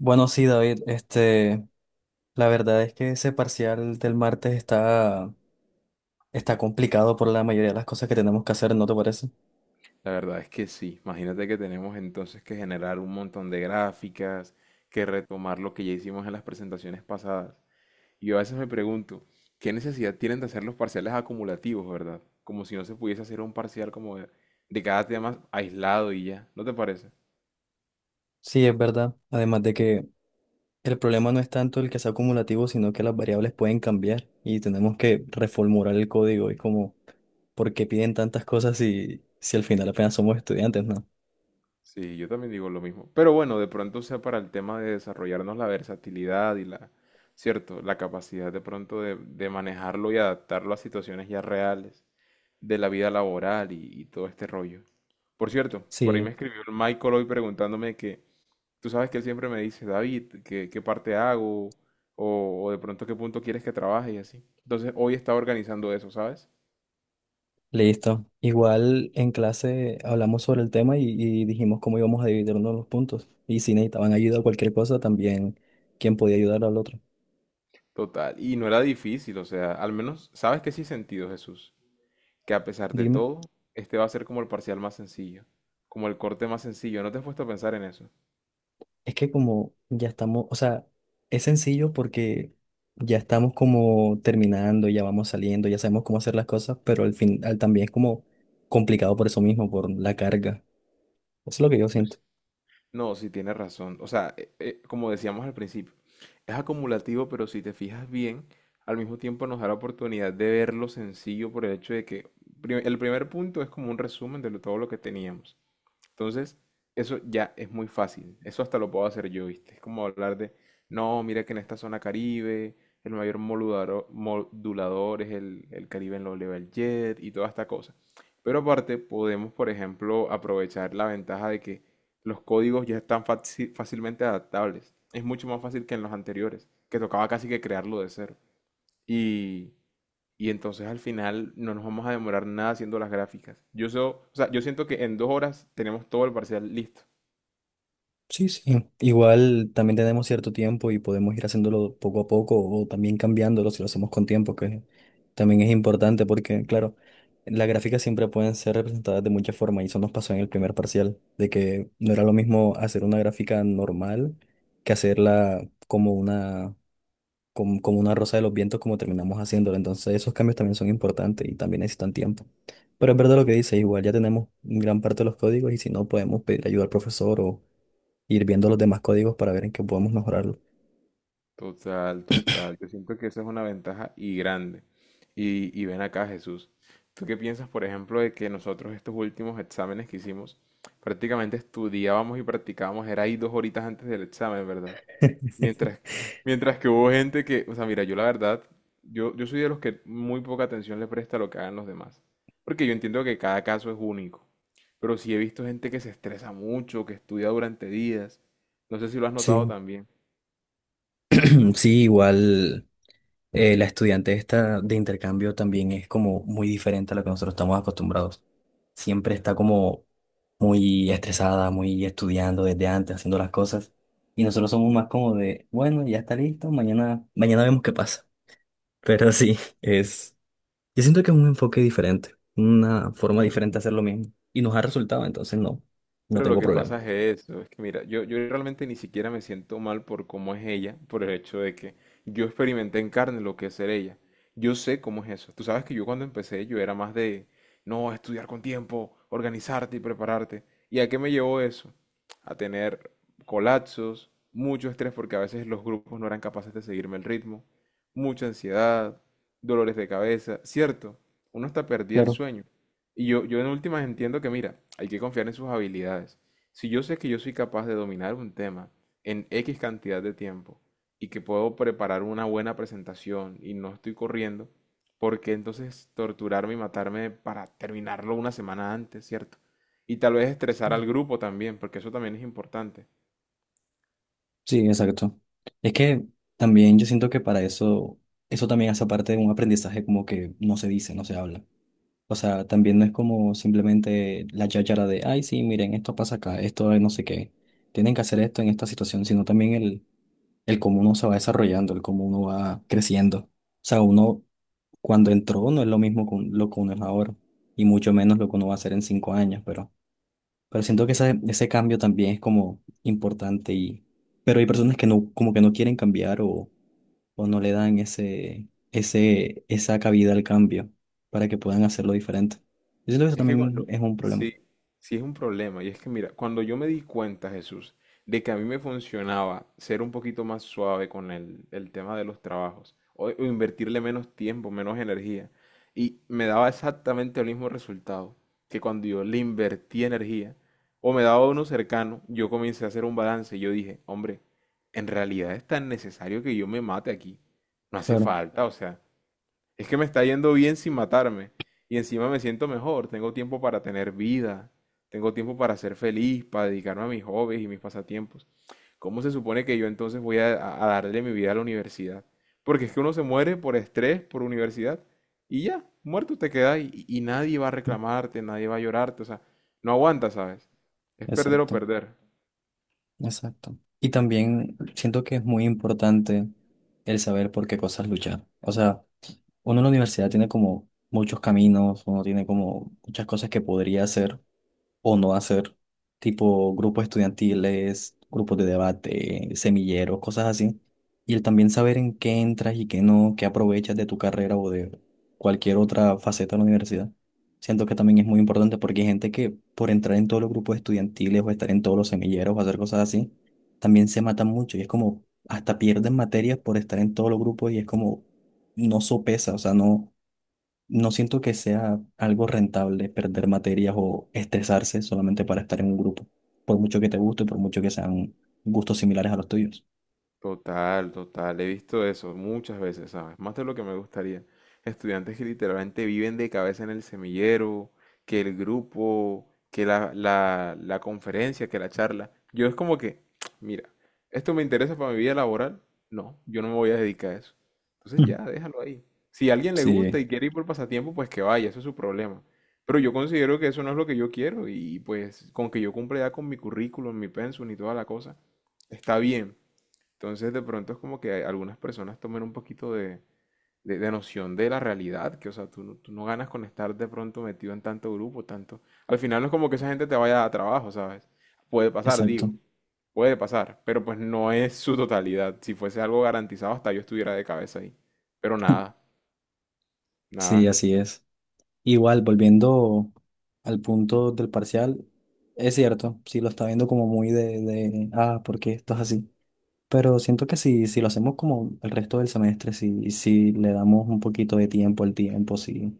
Bueno, sí, David, la verdad es que ese parcial del martes está complicado por la mayoría de las cosas que tenemos que hacer, ¿no te parece? La verdad es que sí. Imagínate que tenemos entonces que generar un montón de gráficas, que retomar lo que ya hicimos en las presentaciones pasadas. Y yo a veces me pregunto, ¿qué necesidad tienen de hacer los parciales acumulativos, verdad? Como si no se pudiese hacer un parcial como de cada tema aislado y ya. ¿No te parece? Sí, es verdad. Además de que el problema no es tanto el que sea acumulativo, sino que las variables pueden cambiar y tenemos que reformular el código. Es como, ¿por qué piden tantas cosas si al final apenas somos estudiantes, ¿no? Sí, yo también digo lo mismo. Pero bueno, de pronto sea para el tema de desarrollarnos la versatilidad y la, cierto, la capacidad de pronto de manejarlo y adaptarlo a situaciones ya reales de la vida laboral y todo este rollo. Por cierto, por ahí me Sí. escribió el Michael hoy preguntándome que, tú sabes que él siempre me dice, David, ¿qué parte hago? O de pronto qué punto quieres que trabaje y así. Entonces hoy estaba organizando eso, ¿sabes? Listo. Igual en clase hablamos sobre el tema y dijimos cómo íbamos a dividirnos los puntos. Y si necesitaban ayuda o cualquier cosa, también quién podía ayudar al otro. Total. Y no era difícil, o sea, al menos, ¿sabes qué sí he sentido, Jesús? Que a pesar de Dime. todo, este va a ser como el parcial más sencillo, como el corte más sencillo. ¿No te has puesto a pensar en eso? Es que como ya estamos, o sea, es sencillo porque ya estamos como terminando, ya vamos saliendo, ya sabemos cómo hacer las cosas, pero al final también es como complicado por eso mismo, por la carga. Eso es lo que yo siento. No, sí tienes razón. O sea, como decíamos al principio, es acumulativo, pero si te fijas bien, al mismo tiempo nos da la oportunidad de verlo sencillo por el hecho de que el primer punto es como un resumen de todo lo que teníamos. Entonces, eso ya es muy fácil. Eso hasta lo puedo hacer yo, ¿viste? Es como hablar de, no, mira que en esta zona Caribe el mayor modulador es el Caribe en low level jet y toda esta cosa. Pero aparte, podemos, por ejemplo, aprovechar la ventaja de que los códigos ya están fácilmente adaptables. Es mucho más fácil que en los anteriores, que tocaba casi que crearlo de cero. Y y entonces al final no nos vamos a demorar nada haciendo las gráficas. Yo, o sea, yo siento que en 2 horas tenemos todo el parcial listo. Sí, sí. Igual también tenemos cierto tiempo y podemos ir haciéndolo poco a poco o también cambiándolo si lo hacemos con tiempo, que también es importante porque, claro, las gráficas siempre pueden ser representadas de muchas formas y eso nos pasó en el primer parcial, de que no era lo mismo hacer una gráfica normal que hacerla como una, como, como una rosa de los vientos como terminamos haciéndola. Entonces esos cambios también son importantes y también necesitan tiempo. Pero es verdad lo que dice, igual ya tenemos gran parte de los códigos y si no podemos pedir ayuda al profesor o ir viendo los demás códigos para ver en qué podemos mejorarlo. Total, total. Yo siento que esa es una ventaja y grande. Y ven acá, Jesús. ¿Tú qué piensas, por ejemplo, de que nosotros estos últimos exámenes que hicimos, prácticamente estudiábamos y practicábamos, era ahí 2 horitas antes del examen, ¿verdad? Mientras, mientras que hubo gente que, o sea, mira, yo la verdad, yo soy de los que muy poca atención le presta a lo que hagan los demás. Porque yo entiendo que cada caso es único. Pero sí he visto gente que se estresa mucho, que estudia durante días. No sé si lo has notado Sí, también. sí, igual la estudiante esta de intercambio también es como muy diferente a lo que nosotros estamos acostumbrados. Siempre está como muy estresada, muy estudiando desde antes, haciendo las cosas. Y nosotros somos más como de, bueno, ya está listo, mañana, mañana vemos qué pasa. Pero sí, es, yo siento que es un enfoque diferente, una forma diferente de hacer lo mismo. Y nos ha resultado, entonces no, no Pero lo tengo que problema. pasa es eso, es que mira, yo realmente ni siquiera me siento mal por cómo es ella, por el hecho de que yo experimenté en carne lo que es ser ella. Yo sé cómo es eso. Tú sabes que yo cuando empecé yo era más de, no, estudiar con tiempo, organizarte y prepararte. ¿Y a qué me llevó eso? A tener colapsos, mucho estrés porque a veces los grupos no eran capaces de seguirme el ritmo, mucha ansiedad, dolores de cabeza, ¿cierto? Uno hasta perdía el Claro. sueño. Y yo en últimas entiendo que, mira, hay que confiar en sus habilidades. Si yo sé que yo soy capaz de dominar un tema en X cantidad de tiempo y que puedo preparar una buena presentación y no estoy corriendo, ¿por qué entonces torturarme y matarme para terminarlo una semana antes, ¿cierto? Y tal vez estresar al grupo también, porque eso también es importante. Sí, exacto. Es que también yo siento que para eso, eso también hace parte de un aprendizaje como que no se dice, no se habla. O sea, también no es como simplemente la cháchara de, ay, sí, miren, esto pasa acá, esto es no sé qué. Tienen que hacer esto en esta situación, sino también el cómo uno se va desarrollando, el cómo uno va creciendo. O sea, uno cuando entró no es lo mismo con lo que uno es ahora, y mucho menos lo que uno va a hacer en 5 años, pero siento que ese cambio también es como importante y... Pero hay personas que no, como que no quieren cambiar o no le dan ese, ese, esa cabida al cambio para que puedan hacerlo diferente. Yo siento que eso Es que también cuando, es un problema. sí, sí es un problema. Y es que mira, cuando yo me di cuenta, Jesús, de que a mí me funcionaba ser un poquito más suave con el tema de los trabajos, o invertirle menos tiempo, menos energía, y me daba exactamente el mismo resultado que cuando yo le invertí energía, o me daba uno cercano, yo comencé a hacer un balance y yo dije, hombre, en realidad es tan necesario que yo me mate aquí. No hace Claro, falta, o sea, es que me está yendo bien sin matarme. Y encima me siento mejor. Tengo tiempo para tener vida. Tengo tiempo para ser feliz, para dedicarme a mis hobbies y mis pasatiempos. ¿Cómo se supone que yo entonces voy a darle mi vida a la universidad? Porque es que uno se muere por estrés, por universidad. Y ya, muerto te quedas y nadie va a reclamarte, nadie va a llorarte. O sea, no aguantas, ¿sabes? Es perder o exacto, perder. exacto. Y también siento que es muy importante el saber por qué cosas luchar. O sea, uno en la universidad tiene como muchos caminos, uno tiene como muchas cosas que podría hacer o no hacer, tipo grupos estudiantiles, grupos de debate, semilleros, cosas así. Y el también saber en qué entras y qué no, qué aprovechas de tu carrera o de cualquier otra faceta de la universidad. Siento que también es muy importante porque hay gente que por entrar en todos los grupos estudiantiles o estar en todos los semilleros o hacer cosas así, también se matan mucho y es como hasta pierden materias por estar en todos los grupos y es como no sopesa, o sea, no, no siento que sea algo rentable perder materias o estresarse solamente para estar en un grupo, por mucho que te guste, por mucho que sean gustos similares a los tuyos. Total, total. He visto eso muchas veces, ¿sabes? Más de lo que me gustaría. Estudiantes que literalmente viven de cabeza en el semillero, que el grupo, que la conferencia, que la charla. Yo es como que, mira, ¿esto me interesa para mi vida laboral? No, yo no me voy a dedicar a eso. Entonces Ujú. ya, déjalo ahí. Si a alguien le gusta Sí, y quiere ir por pasatiempo, pues que vaya, eso es su problema. Pero yo considero que eso no es lo que yo quiero y pues con que yo cumpla ya con mi currículum, mi pensum y toda la cosa, está bien. Entonces, de pronto es como que algunas personas tomen un poquito de noción de la realidad, que, o sea, tú, tú no ganas con estar de pronto metido en tanto grupo, tanto... Al final no es como que esa gente te vaya a trabajo, ¿sabes? Puede pasar, digo, exacto. puede pasar, pero pues no es su totalidad. Si fuese algo garantizado, hasta yo estuviera de cabeza ahí. Pero nada, Sí, nada, así es. Igual, volviendo al punto del parcial, es cierto, sí lo está viendo como muy ah, ¿por qué esto es así? Pero siento que si lo hacemos como el resto del semestre, si le damos un poquito de tiempo al tiempo, si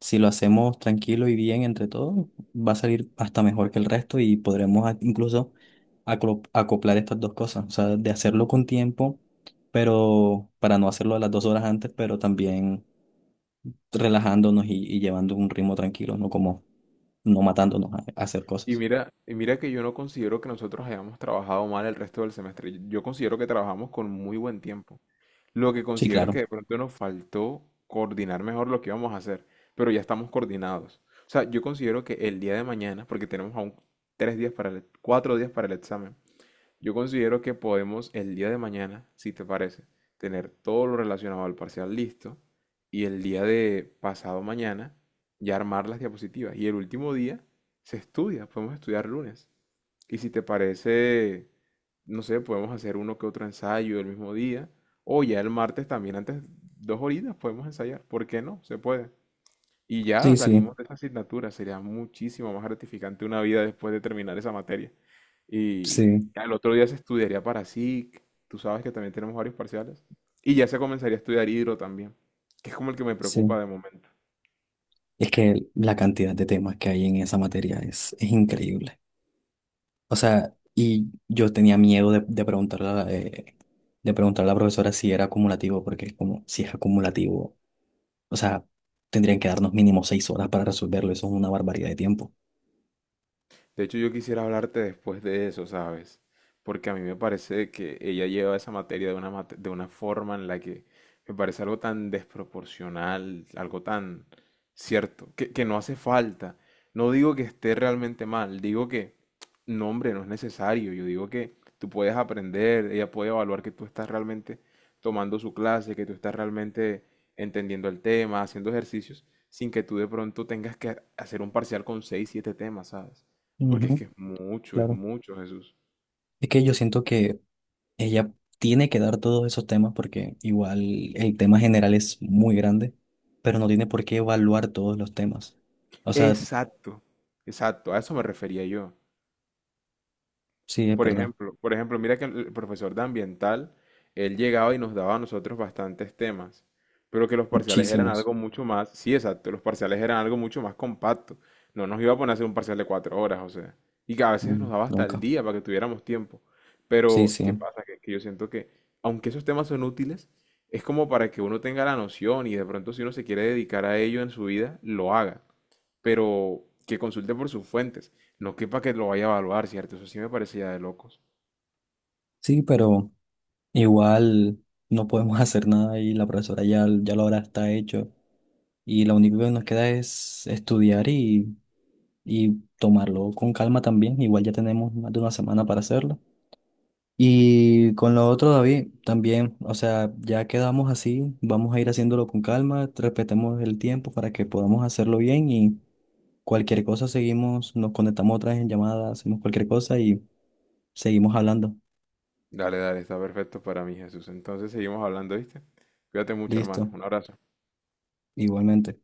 si lo hacemos tranquilo y bien entre todos, va a salir hasta mejor que el resto y podremos incluso acoplar estas dos cosas. O sea, de hacerlo con tiempo, pero para no hacerlo a las 2 horas antes, pero también relajándonos y llevando un ritmo tranquilo, no como no matándonos a hacer y cosas. mira, y mira que yo no considero que nosotros hayamos trabajado mal el resto del semestre. Yo considero que trabajamos con muy buen tiempo. Lo que Sí, considero es que claro. de pronto nos faltó coordinar mejor lo que íbamos a hacer, pero ya estamos coordinados. O sea, yo considero que el día de mañana, porque tenemos aún 3 días para el, 4 días para el examen, yo considero que podemos el día de mañana, si te parece, tener todo lo relacionado al parcial listo y el día de pasado mañana ya armar las diapositivas. Y el último día se estudia, podemos estudiar lunes. Y si te parece, no sé, podemos hacer uno que otro ensayo el mismo día o ya el martes también antes, 2 horitas podemos ensayar. ¿Por qué no? Se puede. Y ya Sí, sí, salimos de esa asignatura. Sería muchísimo más gratificante una vida después de terminar esa materia. Y sí, al otro día se estudiaría para SIC. Tú sabes que también tenemos varios parciales. Y ya se comenzaría a estudiar hidro también, que es como el que me preocupa sí. de momento. Es que la cantidad de temas que hay en esa materia es increíble. O sea, y yo tenía miedo de preguntarle a de preguntarle a la profesora si era acumulativo, porque es como, si es acumulativo, o sea, tendrían que darnos mínimo 6 horas para resolverlo, eso es una barbaridad de tiempo. De hecho, yo quisiera hablarte después de eso, ¿sabes? Porque a mí me parece que ella lleva esa materia de una forma en la que me parece algo tan desproporcional, algo tan cierto, que no hace falta. No digo que esté realmente mal, digo que, no, hombre, no es necesario. Yo digo que tú puedes aprender, ella puede evaluar que tú estás realmente tomando su clase, que tú estás realmente entendiendo el tema, haciendo ejercicios, sin que tú de pronto tengas que hacer un parcial con seis, siete temas, ¿sabes? Porque es que Ujú, es claro. mucho, Jesús. Es que yo siento que ella tiene que dar todos esos temas porque igual el tema general es muy grande, pero no tiene por qué evaluar todos los temas. O sea, Exacto, exacto, a eso me refería yo. sí, es verdad, Por ejemplo, mira que el profesor de ambiental, él llegaba y nos daba a nosotros bastantes temas, pero que los parciales eran muchísimos, algo mucho más, sí, exacto, los parciales eran algo mucho más compacto. No nos iba a poner a hacer un parcial de 4 horas, o sea, y que a veces mm, nos daba hasta el nunca. día para que tuviéramos tiempo. Sí, Pero, sí, ¿qué pasa? Que yo siento que, aunque esos temas son útiles, es como para que uno tenga la noción y de pronto si uno se quiere dedicar a ello en su vida, lo haga pero que consulte por sus fuentes, no que para que lo vaya a evaluar, ¿cierto? Eso sí me parece ya de locos. sí, pero... Igual no podemos hacer nada y la profesora ya, ya lo habrá está hecho. Y lo único que nos queda es estudiar y tomarlo con calma también. Igual ya tenemos más de una semana para hacerlo. Y con lo otro, David, también, o sea, ya quedamos así, vamos a ir haciéndolo con calma, respetemos el tiempo para que podamos hacerlo bien y cualquier cosa seguimos, nos conectamos otra vez en llamada, hacemos cualquier cosa y seguimos hablando. Dale, dale, está perfecto para mí, Jesús. Entonces seguimos hablando, ¿viste? Cuídate mucho, hermano. Listo, Un abrazo. igualmente.